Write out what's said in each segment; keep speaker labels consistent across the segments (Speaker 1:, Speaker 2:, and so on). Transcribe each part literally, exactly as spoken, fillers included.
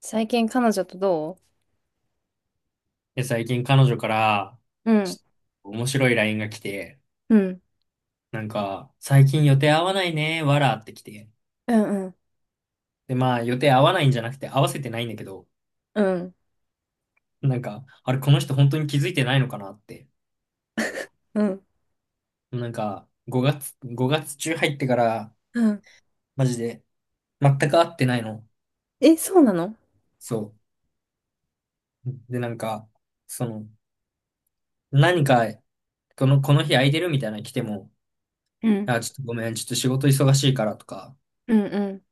Speaker 1: 最近彼女とど
Speaker 2: で、最近彼女から、
Speaker 1: ううん。
Speaker 2: ちょっと面白い ライン が来て、
Speaker 1: うん。う
Speaker 2: なんか、最近予定合わないね、わらって来て。
Speaker 1: うん。うん
Speaker 2: で、まあ、予定合わないんじゃなくて合わせてないんだけど、
Speaker 1: うん。
Speaker 2: なんか、あれ、この人本当に気づいてないのかなって。
Speaker 1: うん
Speaker 2: なんか、ごがつ、ごがつ中入ってから、
Speaker 1: うん。
Speaker 2: マジで、全く会ってないの。
Speaker 1: え、そうなの？
Speaker 2: そう。で、なんか、その、何か、この、この日空いてるみたいなの来ても、
Speaker 1: うん。
Speaker 2: あ、ちょっとごめん、ちょっと仕事忙しいからとか、
Speaker 1: うん。うん。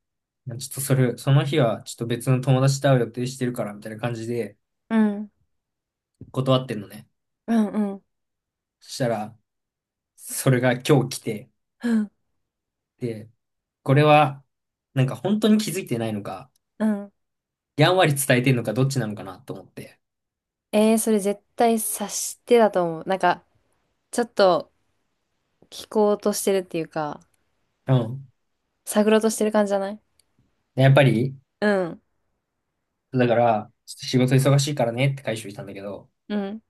Speaker 2: まあちょっとそれ、その日はちょっと別の友達と会う予定してるからみたいな感じで
Speaker 1: うん
Speaker 2: 断ってんのね。
Speaker 1: うんうん
Speaker 2: そしたら、それが今日来て、
Speaker 1: うん
Speaker 2: で、これは、なんか本当に気づいてないのか、
Speaker 1: うん。
Speaker 2: やんわり伝えてんのかどっちなのかなと思って。
Speaker 1: えー、それ絶対察してだと思う。なんか、ちょっと聞こうとしてるっていうか、
Speaker 2: うん。
Speaker 1: 探ろうとしてる感じじゃない？
Speaker 2: でやっぱり、
Speaker 1: うん
Speaker 2: だから、ちょっと仕事忙しいからねって回収したんだけど、
Speaker 1: うん。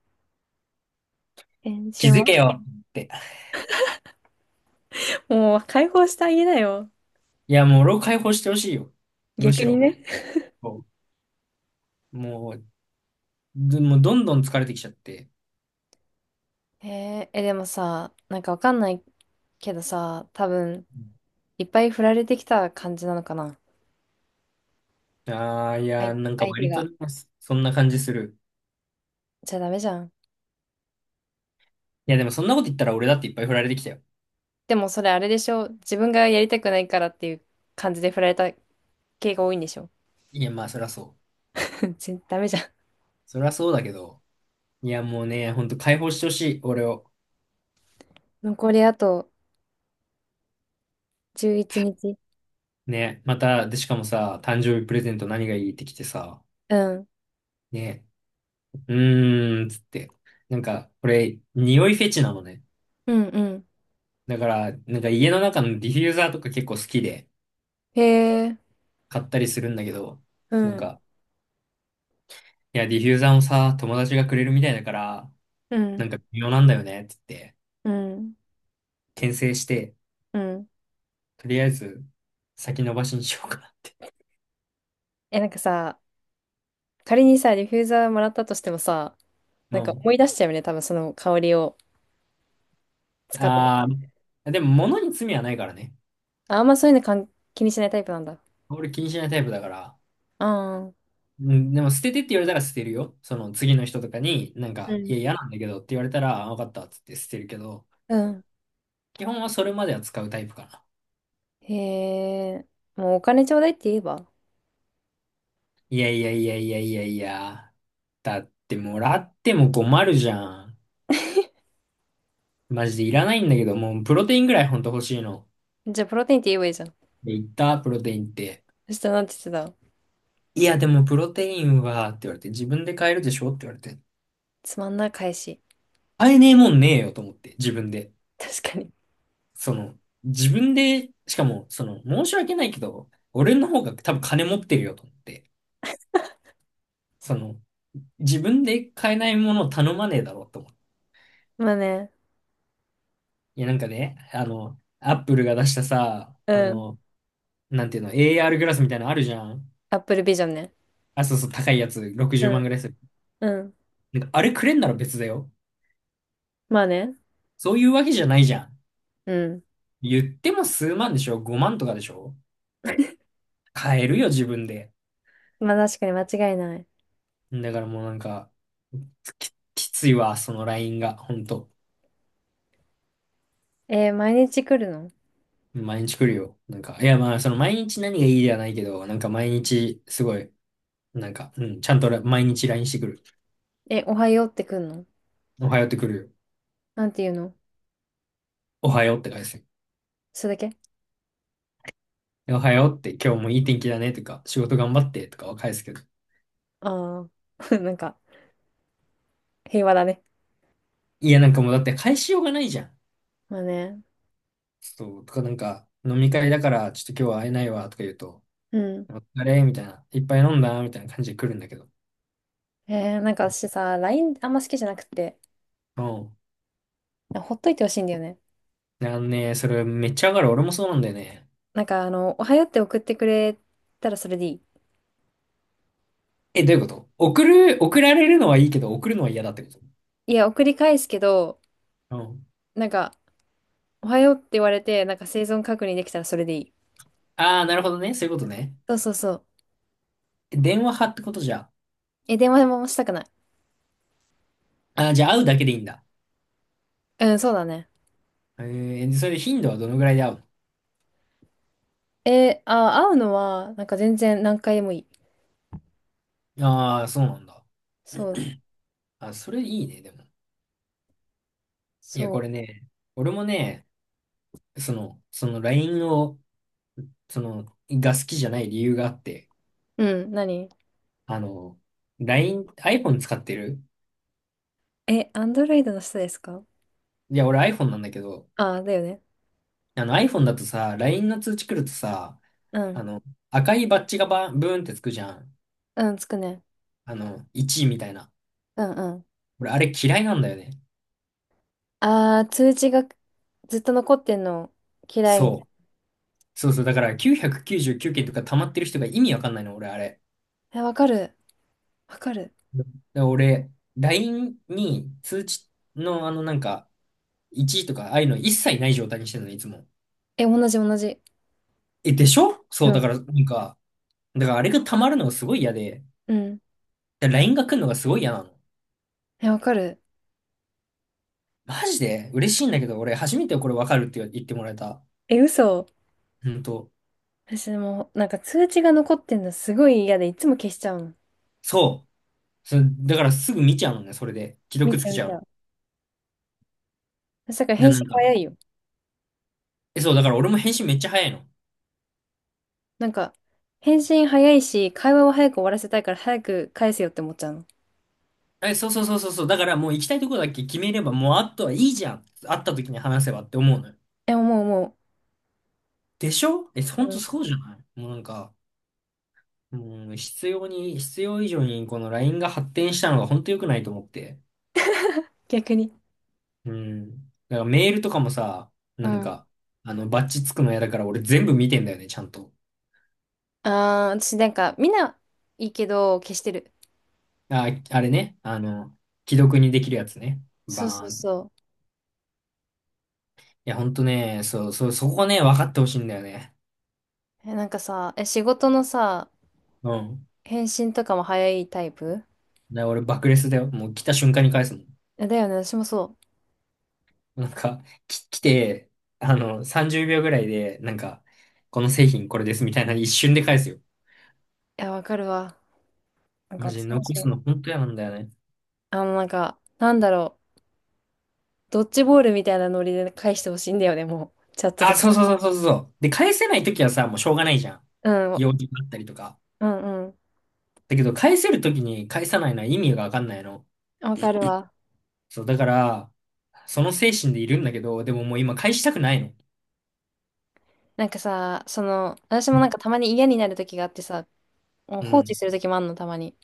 Speaker 1: 返
Speaker 2: 気
Speaker 1: 信
Speaker 2: づけ
Speaker 1: は？
Speaker 2: よって。
Speaker 1: もう解放してあげなよ。
Speaker 2: いや、もう俺を解放してほしいよ。む
Speaker 1: 逆
Speaker 2: し
Speaker 1: に
Speaker 2: ろ。
Speaker 1: ね。
Speaker 2: そうもう、どもうどんどん疲れてきちゃって。
Speaker 1: えー、え、でもさ、なんかわかんないけどさ、多分、いっぱい振られてきた感じなのかな。
Speaker 2: ああ、い
Speaker 1: はい。
Speaker 2: や、なんか
Speaker 1: 相手
Speaker 2: 割と、
Speaker 1: が。
Speaker 2: そんな感じする。
Speaker 1: じゃあダメじゃん。
Speaker 2: いや、でもそんなこと言ったら俺だっていっぱい振られてきたよ。
Speaker 1: でもそれあれでしょ。自分がやりたくないからっていう感じで振られた系が多いんでしょ。
Speaker 2: いや、まあ、そりゃそう。
Speaker 1: 全ダメじゃん。
Speaker 2: そりゃそうだけど。いや、もうね、ほんと解放してほしい、俺を。
Speaker 1: 残りあとじゅういちにち。
Speaker 2: ね、また、で、しかもさ、誕生日プレゼント何がいいってきてさ、
Speaker 1: うん。
Speaker 2: ね、うーん、つって。なんか、これ、匂いフェチなのね。
Speaker 1: うんうん。
Speaker 2: だから、なんか家の中のディフューザーとか結構好きで
Speaker 1: へえ。
Speaker 2: 買ったりするんだけど、
Speaker 1: う
Speaker 2: なん
Speaker 1: ん。
Speaker 2: か、いや、ディフューザーもさ、友達がくれるみたいだから、
Speaker 1: う
Speaker 2: な
Speaker 1: ん。
Speaker 2: んか微妙なんだよね、つって、
Speaker 1: うん。
Speaker 2: 牽制して、
Speaker 1: うん。
Speaker 2: とりあえず、先延ばしにしようか
Speaker 1: え、なんかさ、仮にさ、ディフューザーもらったとしてもさ、な
Speaker 2: な。
Speaker 1: ん か
Speaker 2: う
Speaker 1: 思い
Speaker 2: ん。
Speaker 1: 出しちゃうよね。多分その香りを使った時
Speaker 2: あ
Speaker 1: に。
Speaker 2: あ、でも物に罪はないからね。
Speaker 1: あ、あんまそういうのかん気にしないタイプなんだ。
Speaker 2: 俺気にしないタイプだから。
Speaker 1: ああ。
Speaker 2: うん、でも捨ててって言われたら捨てるよ。その次の人とかに、なん
Speaker 1: う
Speaker 2: か、い
Speaker 1: ん。
Speaker 2: や、嫌なんだけどって言われたら、あ、わかったっつって捨てるけど、
Speaker 1: うん。
Speaker 2: 基本はそれまでは使うタイプかな。
Speaker 1: へえ。もうお金ちょうだいって言えば。
Speaker 2: いやいやいやいやいやいや。だってもらっても困るじゃん。マジでいらないんだけど、もうプロテインぐらいほんと欲しいの。
Speaker 1: じゃあプロテインって言えばいいじゃん。
Speaker 2: で、言ったプロテインって。
Speaker 1: そしたらなんて言ってた？
Speaker 2: いや、でもプロテインは、って言われて、自分で買えるでしょって言われて。
Speaker 1: つまんない返し。
Speaker 2: 買えねえもんねえよと思って、自分で。
Speaker 1: 確かに。
Speaker 2: その、自分で、しかも、その、申し訳ないけど、俺の方が多分金持ってるよと思って、その、自分で買えないものを頼まねえだろうと思って。
Speaker 1: まあね。
Speaker 2: いや、なんかね、あの、アップルが出したさ、あ
Speaker 1: うん。
Speaker 2: の、なんていうの、エーアール グラスみたいなのあるじゃん。
Speaker 1: アップルビジョンね。
Speaker 2: あ、そうそう、高いやつ、
Speaker 1: う
Speaker 2: ろくじゅうまん
Speaker 1: ん。
Speaker 2: ぐらいする。
Speaker 1: うん。
Speaker 2: なんか、あれくれんなら別だよ。
Speaker 1: まあね。
Speaker 2: そういうわけじゃないじゃん。
Speaker 1: うん。
Speaker 2: 言っても数万でしょ？ ご 万とかでしょ。買えるよ、自分で。
Speaker 1: まあ確かに間違いない。
Speaker 2: だからもうなんか、き、きついわ、そのラインが、ほんと。
Speaker 1: えー毎日来るの？
Speaker 2: 毎日来るよ。なんか、いやまあ、その毎日何がいいではないけど、なんか毎日、すごい、なんか、うん、ちゃんとら毎日 ライン してくる。
Speaker 1: え、おはようって来るの？
Speaker 2: おはようってくるよ。
Speaker 1: なんて言うの？
Speaker 2: おはようって返すよ。
Speaker 1: それだけ？
Speaker 2: でおはようって今日もいい天気だねとか、仕事頑張ってとかは返すけど。
Speaker 1: ああー。なんか、平和だね。
Speaker 2: いや、なんかもうだって返しようがないじゃん。
Speaker 1: まあね。
Speaker 2: そう、とかなんか、飲み会だから、ちょっと今日は会えないわとか言うと、
Speaker 1: うん。
Speaker 2: お疲れみたいな、いっぱい飲んだみたいな感じで来るんだけど。
Speaker 1: えーなんか私さ、ライン あんま好きじゃなくて、
Speaker 2: うん。
Speaker 1: ほっといてほしいんだよね。
Speaker 2: なんね、それめっちゃ上がる。俺もそうなんだよね。
Speaker 1: なんかあの、おはようって送ってくれたらそれでいい。
Speaker 2: え、どういうこと？送る、送られるのはいいけど、送るのは嫌だってこと？
Speaker 1: いや、送り返すけど、なんか、おはようって言われて、なんか生存確認できたらそれでいい。
Speaker 2: ああ、なるほどね。そういうことね。
Speaker 1: そうそうそう。
Speaker 2: 電話派ってことじゃ。
Speaker 1: え、電話もしたくない。
Speaker 2: ああ、じゃあ会うだけでいいんだ。
Speaker 1: うん、そうだね。
Speaker 2: えー、でそれで頻度はどのぐらいで会う
Speaker 1: え、あ、会うのは、なんか全然何回でもいい。
Speaker 2: の？ああー、そうなんだ。
Speaker 1: そう。
Speaker 2: あ、それいいね、でも。いや、
Speaker 1: そ
Speaker 2: これね、俺もね、その、その ライン を、その、が好きじゃない理由があって、
Speaker 1: う。うん、何？
Speaker 2: あの、ライン、iPhone 使ってる？
Speaker 1: え、アンドロイドの人ですか？
Speaker 2: いや、俺 iPhone なんだけど、
Speaker 1: あ、だよね。
Speaker 2: あの iPhone だとさ、ライン の通知来るとさ、
Speaker 1: う
Speaker 2: あ
Speaker 1: ん。
Speaker 2: の、赤いバッジがバンブーンってつくじゃん。
Speaker 1: うん、つくね。
Speaker 2: あの、いちみたいな。
Speaker 1: うんうん。
Speaker 2: 俺、あれ嫌いなんだよね。
Speaker 1: あー、通知がずっと残ってんの嫌いみた
Speaker 2: そ
Speaker 1: い
Speaker 2: う。そうそう、だからきゅうひゃくきゅうじゅうきゅうけんとか溜まってる人が意味わかんないの、俺、あれ。
Speaker 1: な。え、わかる。わかる。
Speaker 2: だから俺、ライン に通知のあのなんか、いちいとか、ああいうの一切ない状態にしてるの、いつも。
Speaker 1: え、同じ同じ。
Speaker 2: え、でしょ？
Speaker 1: う
Speaker 2: そう、だ
Speaker 1: ん。
Speaker 2: から、なんか、だからあれが溜まるのがすごい嫌で、
Speaker 1: うん。
Speaker 2: だから ライン が来るのがすごい嫌なの。
Speaker 1: え、わかる。
Speaker 2: マジで嬉しいんだけど、俺、初めてこれわかるって言ってもらえた。
Speaker 1: え、嘘。
Speaker 2: ほんと。
Speaker 1: 私もう、なんか通知が残ってんのすごい嫌で、いつも消しちゃうの。
Speaker 2: そう。そだからすぐ見ちゃうのね、それで。既
Speaker 1: 見
Speaker 2: 読つ
Speaker 1: た
Speaker 2: けち
Speaker 1: 見
Speaker 2: ゃう
Speaker 1: た。
Speaker 2: の。
Speaker 1: だから
Speaker 2: で、
Speaker 1: 返信
Speaker 2: なんか、
Speaker 1: 早いよ。
Speaker 2: え、そう、だから俺も返信めっちゃ早いの。
Speaker 1: なんか、返信早いし、会話を早く終わらせたいから早く返せよって思っちゃうの。
Speaker 2: え、そうそうそうそうそう。だからもう行きたいとこだけ決めれば、もうあとはいいじゃん。会った時に話せばって思うのよ。
Speaker 1: え、もうも
Speaker 2: でしょ？え、
Speaker 1: う、
Speaker 2: ほん
Speaker 1: う
Speaker 2: と
Speaker 1: ん、
Speaker 2: そうじゃない？もうなんか、もう必要に、必要以上にこの ライン が発展したのがほんと良くないと思って。
Speaker 1: 逆に。
Speaker 2: うん。だからメールとかもさ、
Speaker 1: う
Speaker 2: なん
Speaker 1: ん。
Speaker 2: か、あの、バッチつくの嫌だから俺全部見てんだよね、ちゃんと。
Speaker 1: ああ、私なんか、みんないいけど、消してる。
Speaker 2: あ、あれね、あの、既読にできるやつね。
Speaker 1: そう
Speaker 2: バ
Speaker 1: そう
Speaker 2: ーン。
Speaker 1: そ
Speaker 2: いや、ほんとね、そう、そう、そこね、分かってほしいんだよね。
Speaker 1: う。え、なんかさ、え、仕事のさ、
Speaker 2: うん。
Speaker 1: 返信とかも早いタイプ？
Speaker 2: だから俺爆レスだよ。もう来た瞬間に返すもん。
Speaker 1: えだよね、私もそう。
Speaker 2: なんか、き、来て、あの、さんじゅうびょうぐらいで、なんか、この製品これですみたいな一瞬で返すよ。
Speaker 1: いや、わかるわ。なんか
Speaker 2: マジ
Speaker 1: 私も
Speaker 2: 残
Speaker 1: そ
Speaker 2: す
Speaker 1: う。
Speaker 2: の本当嫌なんだよね。
Speaker 1: あの、なんか、なんだろう。ドッジボールみたいなノリで返してほしいんだよね、もう。チャットと
Speaker 2: あ、
Speaker 1: か。
Speaker 2: そうそうそうそうそう。で、返せないときはさ、もうしょうがないじゃん。
Speaker 1: うん、
Speaker 2: 用事があったりとか。
Speaker 1: うん、うん。
Speaker 2: だけど、返せるときに返さないのは意味がわかんないの。
Speaker 1: わかるわ。
Speaker 2: そう、だから、その精神でいるんだけど、でももう今返したくないの。
Speaker 1: なんかさ、その、私
Speaker 2: う
Speaker 1: もな
Speaker 2: ん。
Speaker 1: んかたまに嫌になる時があってさ、もう
Speaker 2: う
Speaker 1: 放置
Speaker 2: ん。
Speaker 1: する時もあんの、たまに。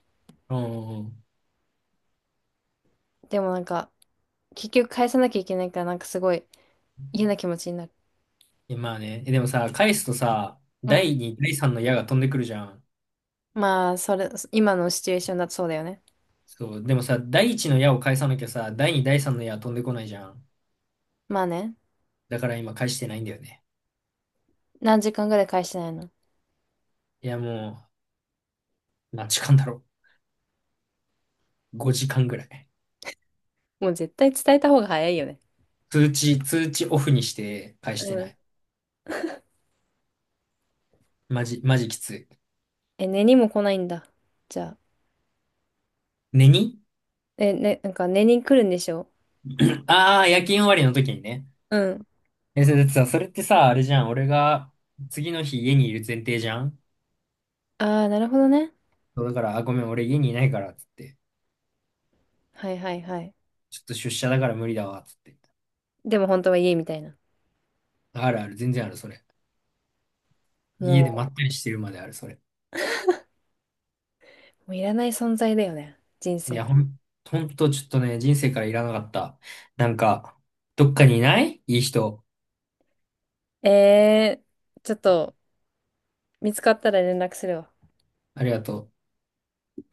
Speaker 2: うんうん。
Speaker 1: でもなんか、結局返さなきゃいけないから、なんかすごい嫌な気持ちになる。
Speaker 2: いやまあね。えでもさ、返すとさ、
Speaker 1: うん。
Speaker 2: だいに、だいさんの矢が飛んでくるじゃん。
Speaker 1: まあ、それ、今のシチュエーションだとそうだよね。
Speaker 2: そう、でもさ、だいいちの矢を返さなきゃさ、だいに、だいさんの矢は飛んでこないじゃん。
Speaker 1: まあね。
Speaker 2: だから今返してないんだよね。
Speaker 1: 何時間ぐらい返してないの？
Speaker 2: いや、もう、何時間だろう。ごじかんぐらい。
Speaker 1: もう絶対伝えた方が早いよね。
Speaker 2: 通知、通知オフにして返
Speaker 1: う
Speaker 2: してな
Speaker 1: ん。
Speaker 2: い。マジ、マジきつい。
Speaker 1: え、寝にも来ないんだ。じゃあ。
Speaker 2: 寝に
Speaker 1: え、ね、なんか寝に来るんでしょ？
Speaker 2: ああー、夜勤終わりの時にね。
Speaker 1: うん。
Speaker 2: え、それだってさ、それってさ、あれじゃん。俺が次の日家にいる前提じゃん。
Speaker 1: ああ、なるほどね。
Speaker 2: そうだから、あ、ごめん、俺家にいないから、つって。
Speaker 1: はいはいはい。
Speaker 2: ちょっと出社だから無理だわ、つって。
Speaker 1: でも本当は家みたいな。
Speaker 2: あるある、全然ある、それ。家で
Speaker 1: も
Speaker 2: まったりしてるまである、それ。
Speaker 1: う、もういらない存在だよね。人
Speaker 2: い
Speaker 1: 生。
Speaker 2: や、ほん、ほんとちょっとね、人生からいらなかった。なんか、どっかにいないいい人。
Speaker 1: ええー、ちょっと見つかったら連絡するわ。
Speaker 2: ありがとう。